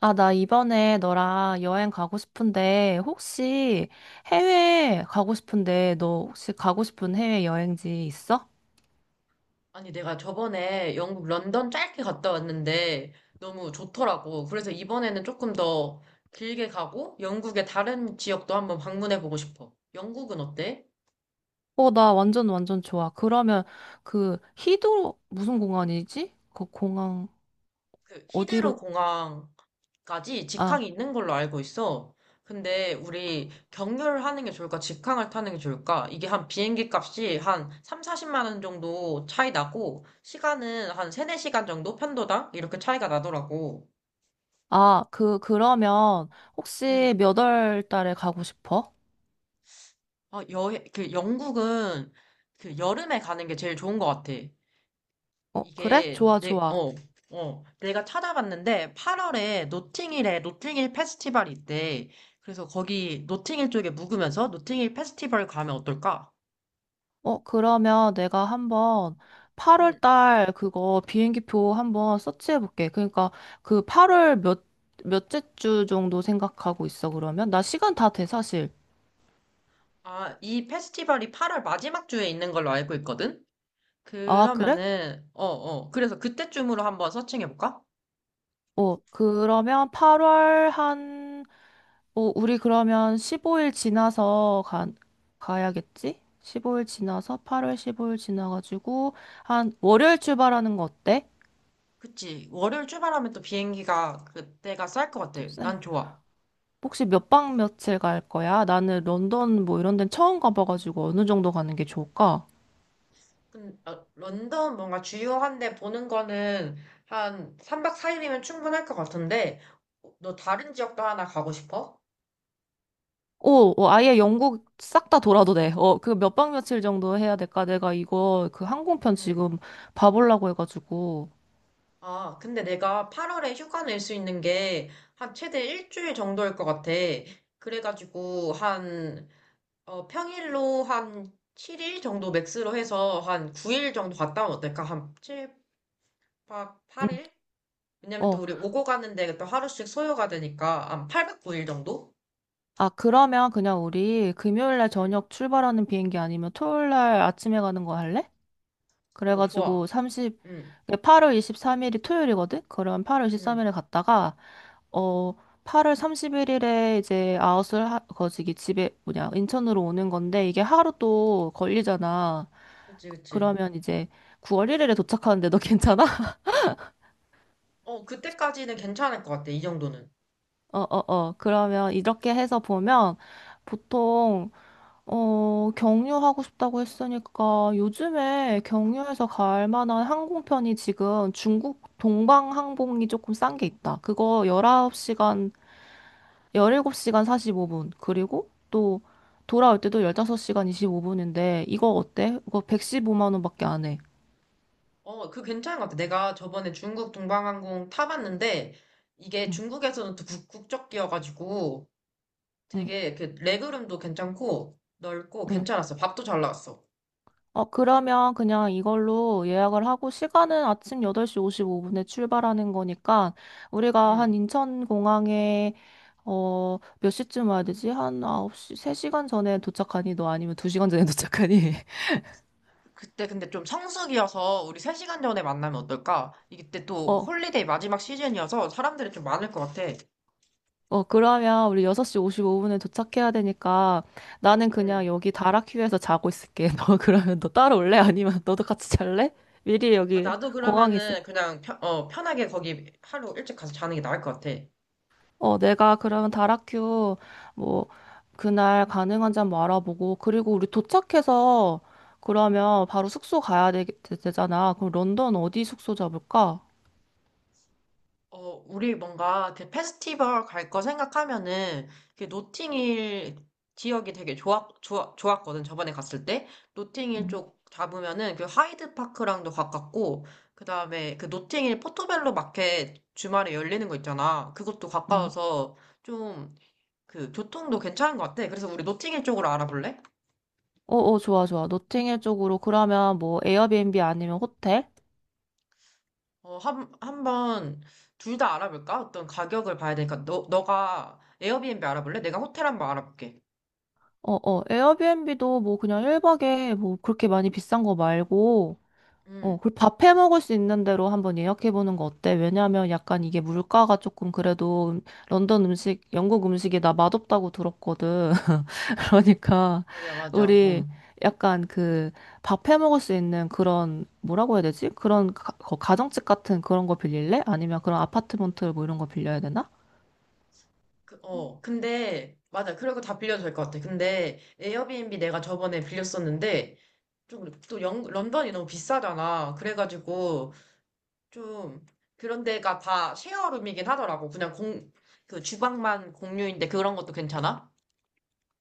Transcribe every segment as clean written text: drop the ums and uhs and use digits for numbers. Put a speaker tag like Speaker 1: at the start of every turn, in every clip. Speaker 1: 아, 나 이번에 너랑 여행 가고 싶은데, 혹시 해외 가고 싶은데, 너 혹시 가고 싶은 해외 여행지 있어?
Speaker 2: 아니, 내가 저번에 영국 런던 짧게 갔다 왔는데 너무 좋더라고. 그래서 이번에는 조금 더 길게 가고 영국의 다른 지역도 한번 방문해 보고 싶어. 영국은 어때?
Speaker 1: 어, 나 완전 완전 좋아. 그러면 그 히드로 무슨 공항이지? 그 공항
Speaker 2: 그
Speaker 1: 어디로?
Speaker 2: 히드로 공항까지 직항이
Speaker 1: 아,
Speaker 2: 있는 걸로 알고 있어. 근데 우리 경유를 하는 게 좋을까? 직항을 타는 게 좋을까? 이게 한 비행기 값이 한 3, 40만 원 정도 차이 나고 시간은 한 3, 4시간 정도 편도당 이렇게 차이가 나더라고.
Speaker 1: 아, 그 그러면
Speaker 2: 음.
Speaker 1: 혹시 몇 월 달에 가고 싶어?
Speaker 2: 아, 여행, 그 영국은 그 여름에 가는 게 제일 좋은 것 같아.
Speaker 1: 어, 그래?
Speaker 2: 이게
Speaker 1: 좋아, 좋아.
Speaker 2: 내가 찾아봤는데 8월에 노팅힐에 노팅힐 페스티벌이 있대. 그래서 거기 노팅힐 쪽에 묵으면서 노팅힐 페스티벌 가면 어떨까?
Speaker 1: 어, 그러면 내가 한번 8월
Speaker 2: 음,
Speaker 1: 달 그거 비행기표 한번 서치해 볼게. 그러니까 그 8월 몇째 주 정도 생각하고 있어, 그러면? 나 시간 다 돼, 사실.
Speaker 2: 아, 이 페스티벌이 8월 마지막 주에 있는 걸로 알고 있거든?
Speaker 1: 아, 그래?
Speaker 2: 그러면은, 그래서 그때쯤으로 한번 서칭해볼까?
Speaker 1: 어, 그러면 8월 우리 그러면 15일 지나서 가야겠지? 15일 지나서 8월 15일 지나가지고 한 월요일 출발하는 거 어때?
Speaker 2: 그치. 월요일 출발하면 또 비행기가 그때가 쌀 것 같아. 난 좋아.
Speaker 1: 혹시 몇 박 며칠 갈 거야? 나는 런던 뭐 이런 데는 처음 가봐가지고 어느 정도 가는 게 좋을까?
Speaker 2: 런던 뭔가 주요한 데 보는 거는 한 3박 4일이면 충분할 것 같은데, 너 다른 지역도 하나 가고 싶어?
Speaker 1: 오, 어, 아예 영국 싹 다 돌아도 돼. 어, 그 몇 박 며칠 정도 해야 될까? 내가 이거 그 항공편
Speaker 2: 응.
Speaker 1: 지금 봐보려고 해가지고.
Speaker 2: 아, 근데 내가 8월에 휴가 낼 수 있는 게 한 최대 일주일 정도일 것 같아. 그래가지고 평일로 한 7일 정도 맥스로 해서 한 9일 정도 갔다 오면 어떨까? 한 7박
Speaker 1: 응,
Speaker 2: 8일? 왜냐면 또
Speaker 1: 어.
Speaker 2: 우리 오고 가는데 또 하루씩 소요가 되니까 한 8박 9일 정도?
Speaker 1: 아, 그러면 그냥 우리 금요일 날
Speaker 2: 응,
Speaker 1: 저녁 출발하는 비행기 아니면 토요일 날 아침에 가는 거 할래?
Speaker 2: 오, 좋아.
Speaker 1: 그래가지고
Speaker 2: 응.
Speaker 1: 8월 23일이 토요일이거든? 그럼 8월
Speaker 2: 응,
Speaker 1: 23일에 갔다가 어, 8월 31일에 이제 거시기 집에, 뭐냐, 인천으로 오는 건데, 이게 하루 또 걸리잖아.
Speaker 2: 그치, 그치.
Speaker 1: 그러면 이제 9월 1일에 도착하는데 너 괜찮아?
Speaker 2: 어, 그때까지는 괜찮을 것 같아, 이 정도는.
Speaker 1: 어, 어, 어. 그러면 이렇게 해서 보면, 보통, 경유하고 싶다고 했으니까, 요즘에 경유해서 갈 만한 항공편이 지금 중국 동방항공이 조금 싼 게 있다. 그거 19시간 17시간 45분. 그리고 또 돌아올 때도 15시간 25분인데 이거 어때? 이거 115만 원밖에 안 해.
Speaker 2: 어, 그 괜찮은 것 같아. 내가 저번에 중국 동방항공 타봤는데, 이게
Speaker 1: 응,
Speaker 2: 중국에서는 또 국적기여가지고,
Speaker 1: 응,
Speaker 2: 되게 그 레그룸도 괜찮고, 넓고,
Speaker 1: 응.
Speaker 2: 괜찮았어. 밥도 잘 나왔어.
Speaker 1: 어, 그러면 그냥 이걸로 예약을 하고 시간은 아침 8시 55분에 출발하는 거니까 우리가 한
Speaker 2: 응.
Speaker 1: 인천공항에 몇 시쯤 와야 되지? 한 9시, 3시간 전에 도착하니, 너? 아니면 2시간 전에 도착하니?
Speaker 2: 그때 근데 좀 성수기여서 우리 3시간 전에 만나면 어떨까? 이때 또
Speaker 1: 어,
Speaker 2: 홀리데이 마지막 시즌이어서 사람들이 좀 많을 것 같아.
Speaker 1: 어, 그러면 우리 6시 55분에 도착해야 되니까 나는 그냥
Speaker 2: 응.
Speaker 1: 여기 다락휴에서 자고 있을게. 너 그러면 너 따라올래? 아니면 너도 같이 잘래? 미리
Speaker 2: 아,
Speaker 1: 여기
Speaker 2: 나도
Speaker 1: 공항에 있을.
Speaker 2: 그러면은 그냥 편하게 거기 하루 일찍 가서 자는 게 나을 것 같아.
Speaker 1: 어, 내가 그러면 다락휴 뭐 그날 가능한지 한번 알아보고, 그리고 우리 도착해서 그러면 바로 숙소 가야 되, 잖아. 그럼 런던 어디 숙소 잡을까?
Speaker 2: 어, 우리 뭔가 그 페스티벌 갈 거 생각하면은 그 노팅힐 지역이 되게 좋았거든. 저번에 갔을 때. 노팅힐
Speaker 1: 응,
Speaker 2: 쪽 잡으면은 그 하이드 파크랑도 가깝고, 그 다음에 그 노팅힐 포토벨로 마켓 주말에 열리는 거 있잖아. 그것도
Speaker 1: 응.
Speaker 2: 가까워서 좀 그 교통도 괜찮은 것 같아. 그래서 우리 노팅힐 쪽으로 알아볼래?
Speaker 1: 어, 어, 좋아, 좋아. 노팅힐 쪽으로 그러면 뭐 에어비앤비 아니면 호텔?
Speaker 2: 어, 한번 둘 다 알아볼까? 어떤 가격을 봐야 되니까 너가 에어비앤비 알아볼래? 내가 호텔 한번 알아볼게.
Speaker 1: 어, 어, 에어비앤비도 뭐 그냥 1박에 뭐 그렇게 많이 비싼 거 말고, 어,
Speaker 2: 음.
Speaker 1: 그리고 밥해 먹을 수 있는 대로 한번 예약해 보는 거 어때? 왜냐면 약간 이게 물가가 조금 그래도 런던 음식, 영국 음식이 나 맛없다고 들었거든. 그러니까
Speaker 2: 맞아, 맞아.
Speaker 1: 우리
Speaker 2: 응.
Speaker 1: 약간 그 밥해 먹을 수 있는 그런 뭐라고 해야 되지? 그런 가정집 같은 그런 거 빌릴래? 아니면 그런 아파트먼트 뭐 이런 거 빌려야 되나?
Speaker 2: 근데, 맞아. 그리고 다 빌려도 될 것 같아. 근데, 에어비앤비 내가 저번에 빌렸었는데, 좀, 또 런던이 너무 비싸잖아. 그래가지고, 좀, 그런 데가 다 쉐어룸이긴 하더라고. 그냥 그 주방만 공유인데 그런 것도 괜찮아?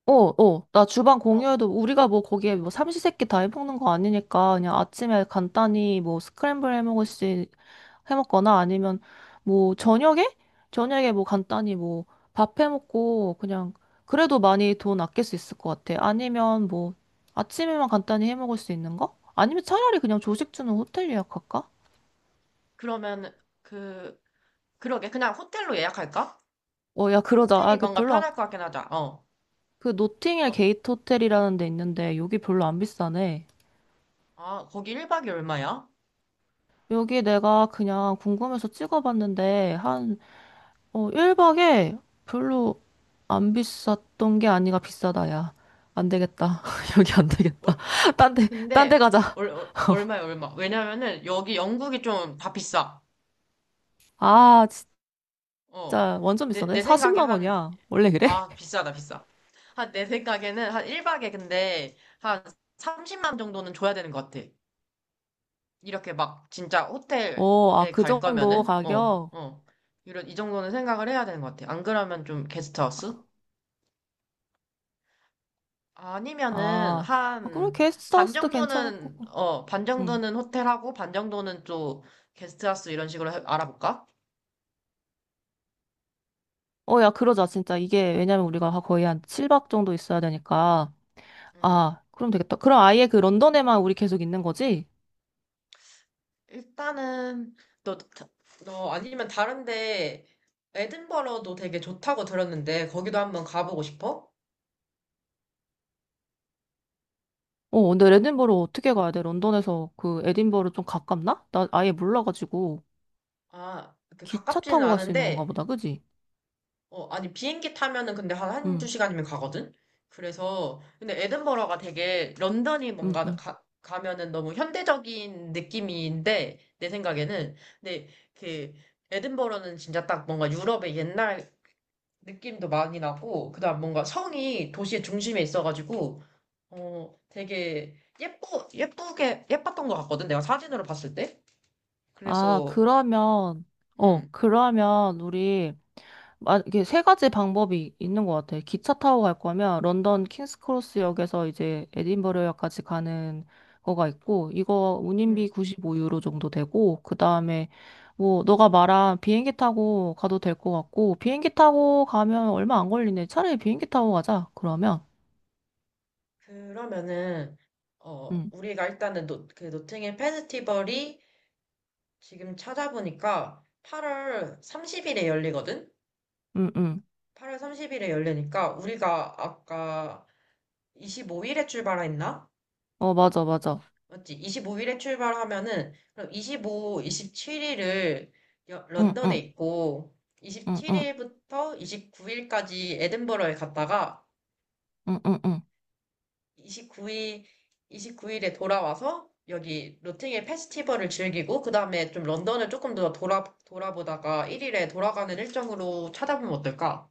Speaker 1: 어, 어. 나 주방
Speaker 2: 어,
Speaker 1: 공유해도 우리가 뭐 거기에 뭐 삼시세끼 다 해먹는 거 아니니까 그냥 아침에 간단히 뭐 스크램블 해먹거나, 아니면 뭐 저녁에 뭐 간단히 뭐 밥 해먹고 그냥 그래도 많이 돈 아낄 수 있을 것 같아. 아니면 뭐 아침에만 간단히 해먹을 수 있는 거? 아니면 차라리 그냥 조식 주는 호텔 예약할까?
Speaker 2: 그러면, 그, 그러게. 그냥 호텔로 예약할까?
Speaker 1: 어, 야, 그러자.
Speaker 2: 호텔이
Speaker 1: 아,
Speaker 2: 뭔가 편할 것 같긴 하다. 어.
Speaker 1: 그 노팅힐
Speaker 2: 어,
Speaker 1: 게이트 호텔이라는 데 있는데 여기 별로 안 비싸네.
Speaker 2: 아, 거기 1박이 얼마야?
Speaker 1: 여기 내가 그냥 궁금해서 찍어봤는데, 한, 1박에 별로 안 비쌌던 게 아니라 비싸다, 야. 안 되겠다. 여기 안 되겠다. 딴데
Speaker 2: 근데
Speaker 1: 가자.
Speaker 2: 얼마야 얼마, 왜냐면은 여기 영국이 좀 다 비싸.
Speaker 1: 아,
Speaker 2: 어,
Speaker 1: 진짜 완전
Speaker 2: 내
Speaker 1: 비싸네.
Speaker 2: 내 생각에
Speaker 1: 40만
Speaker 2: 한,
Speaker 1: 원이야. 원래 그래?
Speaker 2: 아, 비싸다 비싸. 한, 내 생각에는 한 1박에 근데 한 30만 정도는 줘야 되는 것 같아. 이렇게 막 진짜
Speaker 1: 어, 아,
Speaker 2: 호텔에
Speaker 1: 그
Speaker 2: 갈
Speaker 1: 정도
Speaker 2: 거면은.
Speaker 1: 가격?
Speaker 2: 이런, 이 정도는 생각을 해야 되는 것 같아. 안 그러면 좀 게스트하우스 아니면은
Speaker 1: 아, 아, 그럼
Speaker 2: 한 반
Speaker 1: 게스트하우스도 괜찮을
Speaker 2: 정도는,
Speaker 1: 거고.
Speaker 2: 어, 반
Speaker 1: 응.
Speaker 2: 정도는 호텔하고 반 정도는 또 게스트하우스 이런 식으로 알아볼까?
Speaker 1: 어, 야, 그러자, 진짜. 이게, 왜냐면 우리가 거의 한 7박 정도 있어야 되니까.
Speaker 2: 음.
Speaker 1: 아, 그럼 되겠다. 그럼 아예 그 런던에만 우리 계속 있는 거지?
Speaker 2: 일단은 너, 다- 너 아니면 다른데 에든버러도 되게 좋다고 들었는데 거기도 한번 가보고 싶어?
Speaker 1: 어, 근데 에딘버러 어떻게 가야 돼? 런던에서 그 에딘버러 좀 가깝나? 나 아예 몰라가지고
Speaker 2: 아, 그
Speaker 1: 기차
Speaker 2: 가깝지는
Speaker 1: 타고 갈 수 있는 건가
Speaker 2: 않은데.
Speaker 1: 보다, 그지?
Speaker 2: 어, 아니, 비행기 타면은 근데 한 한두
Speaker 1: 응,
Speaker 2: 시간이면 가거든. 그래서 근데 에든버러가 되게 런던이
Speaker 1: 응,
Speaker 2: 뭔가
Speaker 1: 응.
Speaker 2: 가면은 너무 현대적인 느낌인데 내 생각에는. 근데 그 에든버러는 진짜 딱 뭔가 유럽의 옛날 느낌도 많이 나고 그다음 뭔가 성이 도시의 중심에 있어가지고 어, 되게 예뻤던 것 같거든, 내가 사진으로 봤을 때.
Speaker 1: 아,
Speaker 2: 그래서,
Speaker 1: 그러면, 어,
Speaker 2: 음.
Speaker 1: 그러면 우리 이게 세 가지 방법이 있는 것 같아. 기차 타고 갈 거면 런던 킹스크로스역에서 이제 에딘버러역까지 가는 거가 있고, 이거
Speaker 2: 음.
Speaker 1: 운임비 95유로 정도 되고, 그 다음에 뭐, 너가 말한 비행기 타고 가도 될 것 같고, 비행기 타고 가면 얼마 안 걸리네. 차라리 비행기 타고 가자, 그러면.
Speaker 2: 그러면은, 어,
Speaker 1: 응,
Speaker 2: 우리가 일단은 그 노팅힐 페스티벌이 지금 찾아보니까 8월 30일에 열리거든?
Speaker 1: 응, 응.
Speaker 2: 8월 30일에 열리니까 우리가 아까 25일에 출발했나?
Speaker 1: 어, 맞아, 맞아.
Speaker 2: 맞지? 25일에 출발하면은 그럼 25, 27일을
Speaker 1: 응,
Speaker 2: 런던에
Speaker 1: 응,
Speaker 2: 있고
Speaker 1: 응, 응,
Speaker 2: 27일부터 29일까지 에든버러에 갔다가
Speaker 1: 응, 응, 응.
Speaker 2: 29일 29일에 돌아와서 여기 로팅의 페스티벌을 즐기고 그 다음에 좀 런던을 조금 더 돌아보다가 1일에 돌아가는 일정으로 찾아보면 어떨까?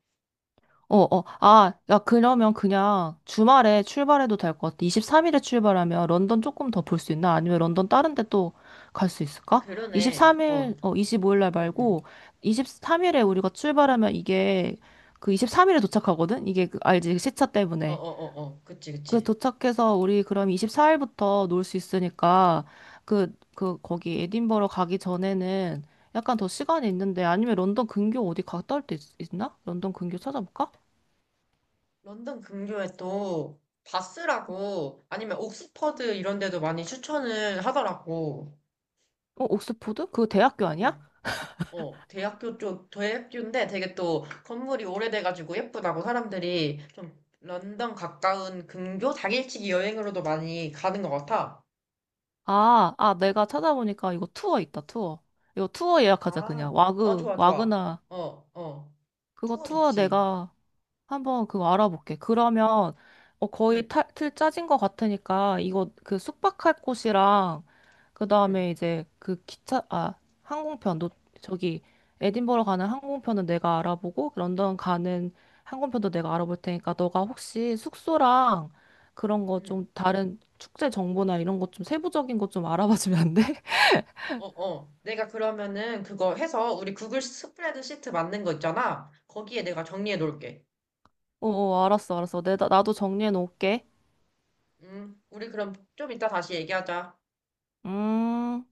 Speaker 1: 어, 어, 아, 야, 그러면 그냥 주말에 출발해도 될 것 같아. 23일에 출발하면 런던 조금 더 볼 수 있나? 아니면 런던 다른 데 또 갈 수
Speaker 2: 아,
Speaker 1: 있을까?
Speaker 2: 그러네. 어,
Speaker 1: 23일, 25일 날
Speaker 2: 응, 응.
Speaker 1: 말고, 23일에 우리가 출발하면 이게 그 23일에 도착하거든? 이게 그, 알지? 시차
Speaker 2: 어, 어,
Speaker 1: 때문에.
Speaker 2: 어, 어. 그치,
Speaker 1: 그
Speaker 2: 그치.
Speaker 1: 도착해서 우리 그럼 24일부터 놀 수 있으니까, 거기 에딘버러 가기 전에는 약간 더 시간이 있는데, 아니면 런던 근교 어디 갔다 올 때 있나? 런던 근교 찾아볼까?
Speaker 2: 런던 근교에 또 바스라고 아니면 옥스퍼드 이런 데도 많이 추천을 하더라고.
Speaker 1: 어, 옥스포드? 그거 대학교 아니야?
Speaker 2: 응. 어, 대학교인데 되게 또 건물이 오래돼가지고 예쁘다고 사람들이 좀 런던 가까운 근교 당일치기 여행으로도 많이 가는 것 같아.
Speaker 1: 아, 내가 찾아보니까 이거 투어 있다, 투어. 이거 투어 예약하자,
Speaker 2: 아,
Speaker 1: 그냥.
Speaker 2: 어, 좋아, 좋아.
Speaker 1: 와그나.
Speaker 2: 어, 어.
Speaker 1: 그거
Speaker 2: 투어
Speaker 1: 투어
Speaker 2: 좋지.
Speaker 1: 내가 한번 그거 알아볼게. 그러면
Speaker 2: 응,
Speaker 1: 거의 틀 짜진 것 같으니까 이거 그 숙박할 곳이랑, 그
Speaker 2: 응,
Speaker 1: 다음에 이제 그 기차, 항공편. 너 저기 에딘버러 가는 항공편은 내가 알아보고 런던 가는 항공편도 내가 알아볼 테니까, 너가 혹시 숙소랑 그런 거
Speaker 2: 응.
Speaker 1: 좀, 다른 축제 정보나 이런 것 좀 세부적인 것 좀 알아봐 주면 안 돼?
Speaker 2: 어, 어. 내가 그러면은 그거 해서 우리 구글 스프레드 시트 만든 거 있잖아. 거기에 내가 정리해 놓을게.
Speaker 1: 어, 어, 알았어, 알았어. 내 나도 정리해 놓을게.
Speaker 2: 우리 그럼 좀 이따 다시 얘기하자.
Speaker 1: 음.